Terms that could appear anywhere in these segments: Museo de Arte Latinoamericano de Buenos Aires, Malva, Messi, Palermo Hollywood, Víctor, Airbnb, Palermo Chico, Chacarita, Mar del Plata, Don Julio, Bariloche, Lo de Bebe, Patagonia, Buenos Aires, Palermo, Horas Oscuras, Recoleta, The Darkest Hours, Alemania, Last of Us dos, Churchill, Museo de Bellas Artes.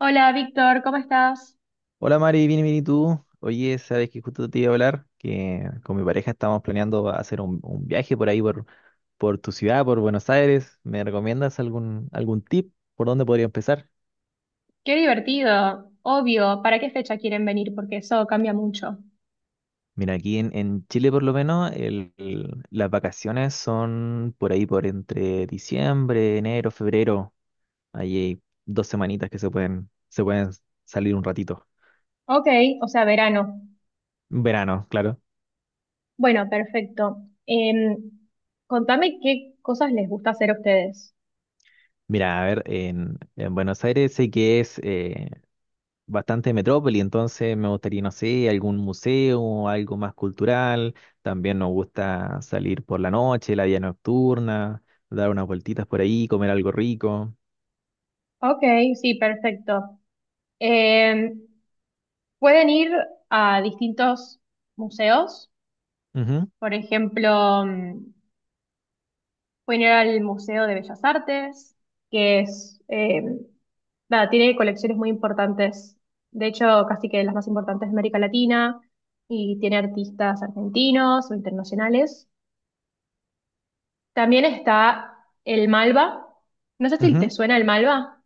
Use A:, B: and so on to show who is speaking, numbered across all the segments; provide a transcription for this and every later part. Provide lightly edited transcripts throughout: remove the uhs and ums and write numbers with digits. A: Hola, Víctor, ¿cómo estás?
B: Hola Mari, bien, bien, ¿y tú? Oye, sabes que justo te iba a hablar, que con mi pareja estamos planeando hacer un viaje por ahí, por tu ciudad, por Buenos Aires. ¿Me recomiendas algún tip por dónde podría empezar?
A: Qué divertido. Obvio, ¿para qué fecha quieren venir? Porque eso cambia mucho.
B: Mira, aquí en Chile por lo menos las vacaciones son por ahí, por entre diciembre, enero, febrero. Ahí hay dos semanitas que se pueden salir un ratito.
A: Ok, o sea, verano.
B: Verano, claro.
A: Bueno, perfecto. Em, Contame qué cosas les gusta hacer a ustedes.
B: Mira, a ver, en Buenos Aires sé que es bastante metrópoli, entonces me gustaría, no sé, algún museo, algo más cultural. También nos gusta salir por la noche, la vida nocturna, dar unas vueltitas por ahí, comer algo rico.
A: Ok, sí, perfecto. Em, Pueden ir a distintos museos,
B: Ujú,
A: por ejemplo, pueden ir al Museo de Bellas Artes, que es, nada, tiene colecciones muy importantes, de hecho, casi que las más importantes de América Latina, y tiene artistas argentinos o internacionales. También está el Malva. No sé si te
B: ujú.
A: suena el Malva.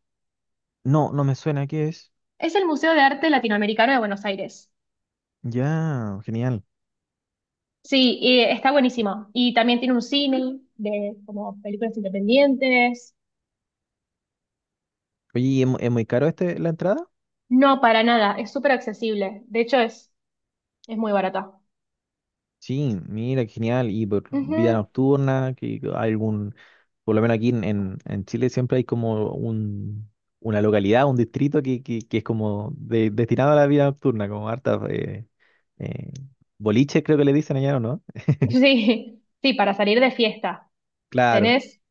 B: No, no me suena, ¿qué es?
A: Es el Museo de Arte Latinoamericano de Buenos Aires.
B: Ya, genial.
A: Sí, y está buenísimo. Y también tiene un cine de como películas independientes.
B: Oye, ¿Es muy caro este la entrada?
A: No, para nada, es súper accesible. De hecho, es muy barata.
B: Sí, mira, qué genial. Y por vida
A: Ujú.
B: nocturna, que hay por lo menos aquí en, en Chile siempre hay como una localidad, un distrito que es como destinado a la vida nocturna, como harta eh, boliches creo que le dicen allá, ¿o no?
A: Sí, sí, para salir de fiesta.
B: Claro.
A: Tenés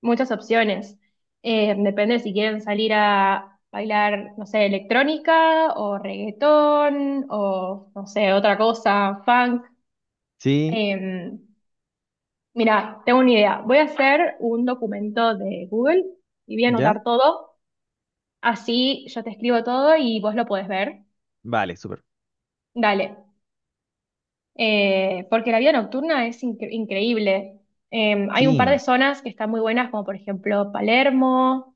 A: muchas opciones. Depende si quieren salir a bailar, no sé, electrónica o reggaetón o, no sé, otra cosa, funk.
B: Sí,
A: Eh, Mira, tengo una idea. Voy a hacer un documento de Google y voy a
B: ¿ya?
A: anotar todo. Así yo te escribo todo y vos lo podés ver.
B: Vale, súper.
A: Dale. Porque la vida nocturna es increíble. Hay un
B: Sí,
A: par de zonas que están muy buenas, como por ejemplo Palermo,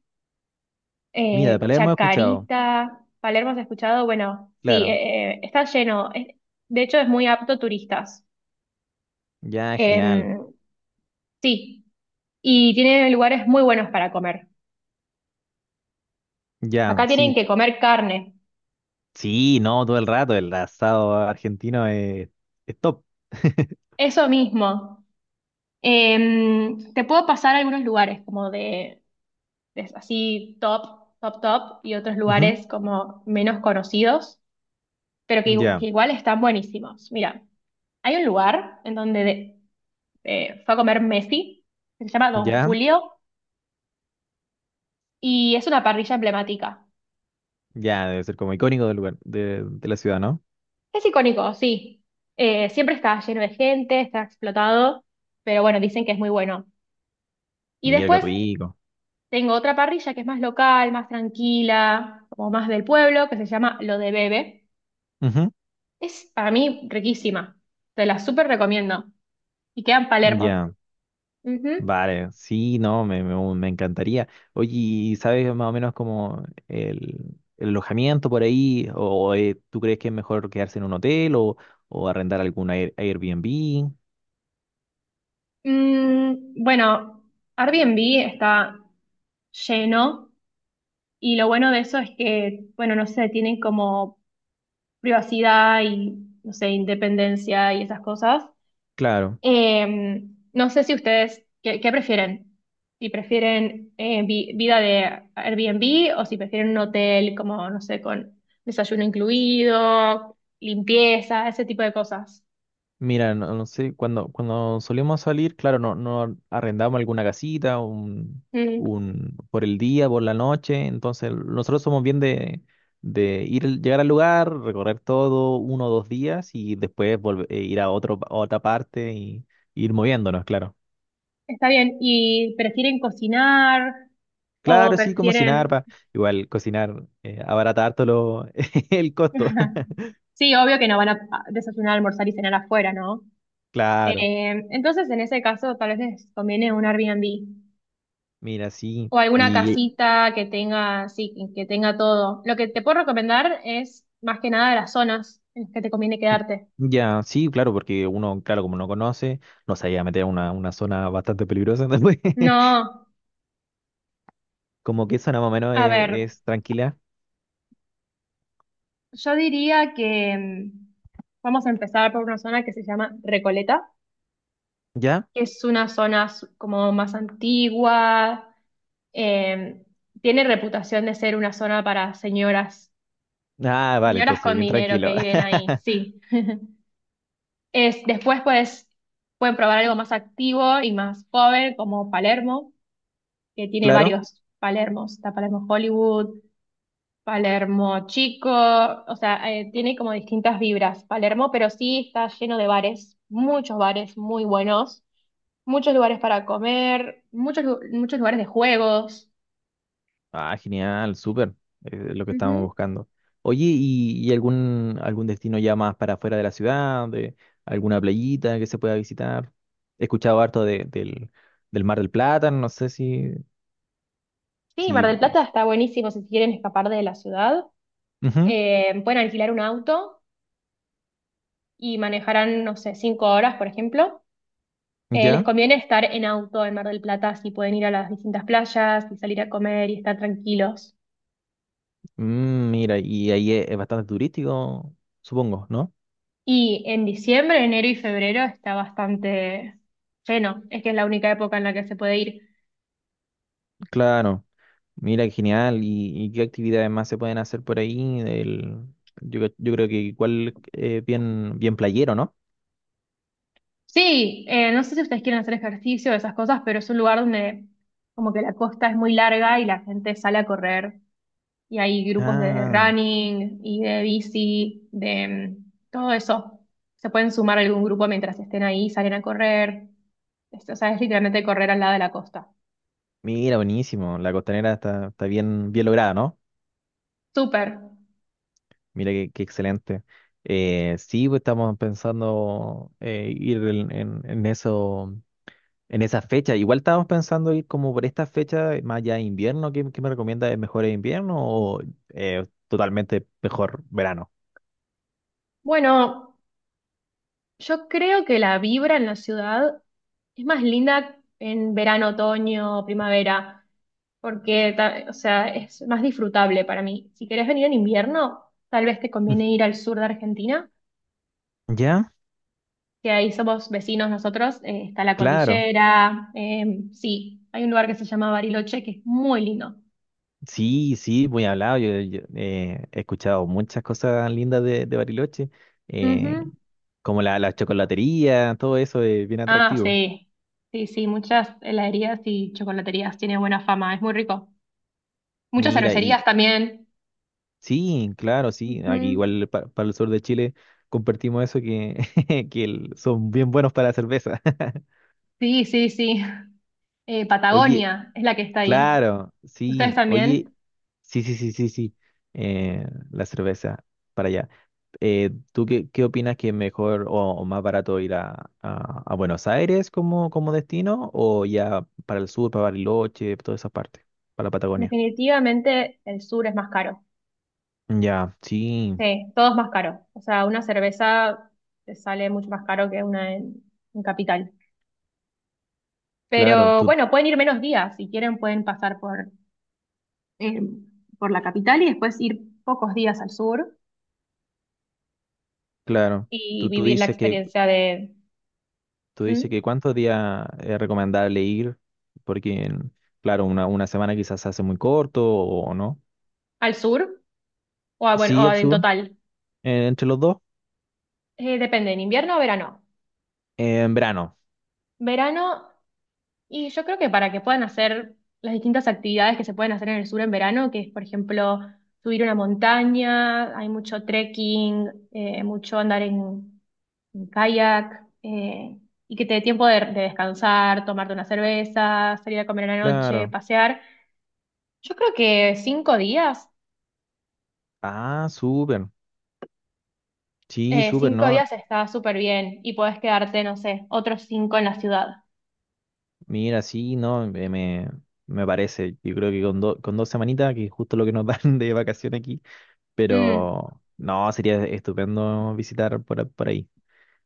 B: mira, de Palermo he escuchado.
A: Chacarita. Palermo, ¿has escuchado? Bueno, sí,
B: Claro.
A: está lleno. De hecho, es muy apto turistas.
B: Ya, genial.
A: Eh, sí, y tiene lugares muy buenos para comer.
B: Ya,
A: Acá tienen
B: sí.
A: que comer carne.
B: Sí, no, todo el rato el asado argentino es top.
A: Eso mismo. Te puedo pasar algunos lugares como de es así top, top, top, y otros
B: Ujú,
A: lugares como menos conocidos, pero
B: Ya,
A: que igual están buenísimos. Mira, hay un lugar en donde fue a comer Messi, que se llama Don
B: ya.
A: Julio, y es una parrilla emblemática.
B: Ya, debe ser como icónico del lugar, de la ciudad, ¿no?
A: Es icónico, sí. Siempre está lleno de gente, está explotado, pero bueno, dicen que es muy bueno. Y
B: Mira qué
A: después
B: rico.
A: tengo otra parrilla que es más local, más tranquila, como más del pueblo, que se llama Lo de Bebe.
B: Ujú,
A: Es para mí riquísima. Te la súper recomiendo. Y queda en Palermo.
B: Ya,
A: Ujú.
B: vale. Sí, no, me, me encantaría. Oye, ¿sabes más o menos como el alojamiento por ahí? ¿O tú crees que es mejor quedarse en un hotel o arrendar algún Airbnb?
A: Bueno, Airbnb está lleno y lo bueno de eso es que, bueno, no sé, tienen como privacidad y, no sé, independencia y esas cosas.
B: Claro.
A: Eh, no sé si ustedes, ¿ qué prefieren? Si prefieren vida de Airbnb o si prefieren un hotel como, no sé, con desayuno incluido, limpieza, ese tipo de cosas.
B: Mira, no, no sé, cuando solíamos salir, claro, no, no arrendamos alguna casita,
A: Mm,
B: por el día, por la noche, entonces nosotros somos bien de ir, llegar al lugar, recorrer todo uno o dos días y después volver, ir a otro, a otra parte y, ir moviéndonos, claro.
A: está bien. ¿Y prefieren cocinar o
B: Claro, sí, como cocinar,
A: prefieren...
B: igual cocinar, abaratar todo el costo,
A: Sí, obvio que no van a desayunar, almorzar y cenar afuera, ¿no?
B: claro,
A: Entonces, en ese caso, tal vez les conviene un Airbnb.
B: mira, sí,
A: O alguna
B: Y
A: casita que tenga, sí, que tenga todo. Lo que te puedo recomendar es más que nada las zonas en las que te conviene quedarte.
B: ya, sí, claro, porque uno, claro, como no conoce, no se iba a meter a una zona bastante peligrosa, entonces,
A: No,
B: como que zona más o menos
A: a ver,
B: tranquila,
A: yo diría que vamos a empezar por una zona que se llama Recoleta,
B: ¿ya?
A: que es una zona como más antigua, eh, tiene reputación de ser una zona para señoras,
B: Ah, vale,
A: señoras
B: entonces,
A: con
B: bien
A: dinero que
B: tranquilo.
A: viven ahí, sí. Es, después pues pueden probar algo más activo y más joven como Palermo que tiene
B: Claro.
A: varios Palermos. Está Palermo Hollywood, Palermo Chico, o sea, tiene como distintas vibras Palermo, pero sí está lleno de bares, muchos bares muy buenos, muchos lugares para comer, muchos, muchos lugares de juegos.
B: Ah, genial, súper, lo que estábamos
A: Ujú.
B: buscando. Oye, ¿y algún destino ya más para afuera de la ciudad, de alguna playita que se pueda visitar? He escuchado harto del Mar del Plata, no sé si,
A: Sí, Mar
B: si...
A: del Plata está buenísimo si quieren escapar de la ciudad.
B: Ujú,
A: Pueden alquilar un auto y manejarán, no sé, 5 horas, por ejemplo. Les
B: ¿ya?
A: conviene estar en auto en Mar del Plata si pueden ir a las distintas playas y salir a comer y estar tranquilos.
B: Mira, y ahí es bastante turístico, supongo, ¿no?
A: Y en diciembre, enero y febrero está bastante lleno. Es que es la única época en la que se puede ir.
B: Claro, mira, qué genial. ¿Y qué actividades más se pueden hacer por ahí? Yo, yo creo que igual bien, bien playero, ¿no?
A: Sí, no sé si ustedes quieren hacer ejercicio o esas cosas, pero es un lugar donde como que la costa es muy larga y la gente sale a correr. Y hay grupos de
B: Ah,
A: running y de bici, de todo eso. Se pueden sumar a algún grupo mientras estén ahí, salen a correr. O sea, es literalmente correr al lado de la costa.
B: mira, buenísimo. La costanera está bien, bien lograda, ¿no?
A: Súper.
B: Mira, qué excelente. Sí, pues estamos pensando ir en, en eso. En esa fecha, igual estábamos pensando ir como por esta fecha, más allá de invierno, ¿qué me recomienda? ¿Es mejor invierno o totalmente mejor verano?
A: Bueno, yo creo que la vibra en la ciudad es más linda en verano, otoño, primavera, porque, o sea, es más disfrutable para mí. Si querés venir en invierno, tal vez te conviene ir al sur de Argentina,
B: ¿Ya?
A: que ahí somos vecinos nosotros, está la
B: Claro.
A: cordillera, sí, hay un lugar que se llama Bariloche que es muy lindo.
B: Sí, sí, muy hablado. Yo he escuchado muchas cosas lindas de Bariloche, eh,
A: Ujú.
B: como la chocolatería, todo eso es bien
A: Ah,
B: atractivo.
A: sí, sí, sí, muchas heladerías y chocolaterías, tiene buena fama, es muy rico. Muchas
B: Mira, y
A: cervecerías también.
B: sí, claro, sí, aquí
A: Ujú.
B: igual para el sur de Chile compartimos eso que, que son bien buenos para la cerveza.
A: Sí, sí, sí.
B: Oye,
A: Patagonia es la que está ahí.
B: claro,
A: ¿Ustedes
B: sí. Oye,
A: también?
B: sí, sí, sí, sí, sí. Eh, la cerveza para allá. ¿Tú qué opinas que es mejor o, más barato ir a, a Buenos Aires como destino o ya para el sur, para Bariloche, toda esa parte, para la Patagonia?
A: Definitivamente el sur es más caro.
B: Ya, sí,
A: Sí, todo es más caro. O sea, una cerveza te sale mucho más caro que una en capital.
B: claro,
A: Pero bueno, pueden ir menos días. Si quieren, pueden pasar eh, por la capital y después ir pocos días al sur
B: claro.
A: y
B: Tú, tú
A: vivir la
B: dices que,
A: experiencia de
B: tú
A: ¿Mm?
B: dices que cuántos días es recomendable ir, porque, claro, una semana quizás se hace muy corto o no.
A: Al sur o, bueno,
B: Sí,
A: o
B: el
A: en
B: sur,
A: total.
B: entre los dos.
A: Depende, ¿en invierno o verano?
B: En verano,
A: Verano. Y yo creo que para que puedan hacer las distintas actividades que se pueden hacer en el sur en verano, que es, por ejemplo, subir una montaña, hay mucho trekking, mucho andar en kayak, y que te dé tiempo de descansar, tomarte una cerveza, salir a comer en la noche,
B: claro.
A: pasear. Yo creo que 5 días,
B: Ah, súper. Sí, súper,
A: cinco
B: ¿no?
A: días está súper bien y podés quedarte, no sé, otros cinco en la ciudad.
B: Mira, sí, no, me, me parece. Yo creo que con dos semanitas, que es justo lo que nos dan de vacación aquí,
A: Mm.
B: pero no, sería estupendo visitar por ahí.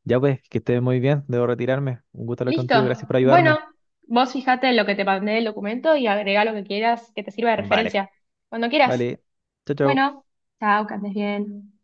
B: Ya pues, que estés muy bien, debo retirarme. Un gusto hablar
A: Listo.
B: contigo, gracias por
A: Bueno,
B: ayudarme.
A: vos fijate en lo que te mandé el documento y agrega lo que quieras que te sirva de
B: Vale,
A: referencia. Cuando quieras.
B: vale. Chao, chao.
A: Bueno, chao, que andes bien.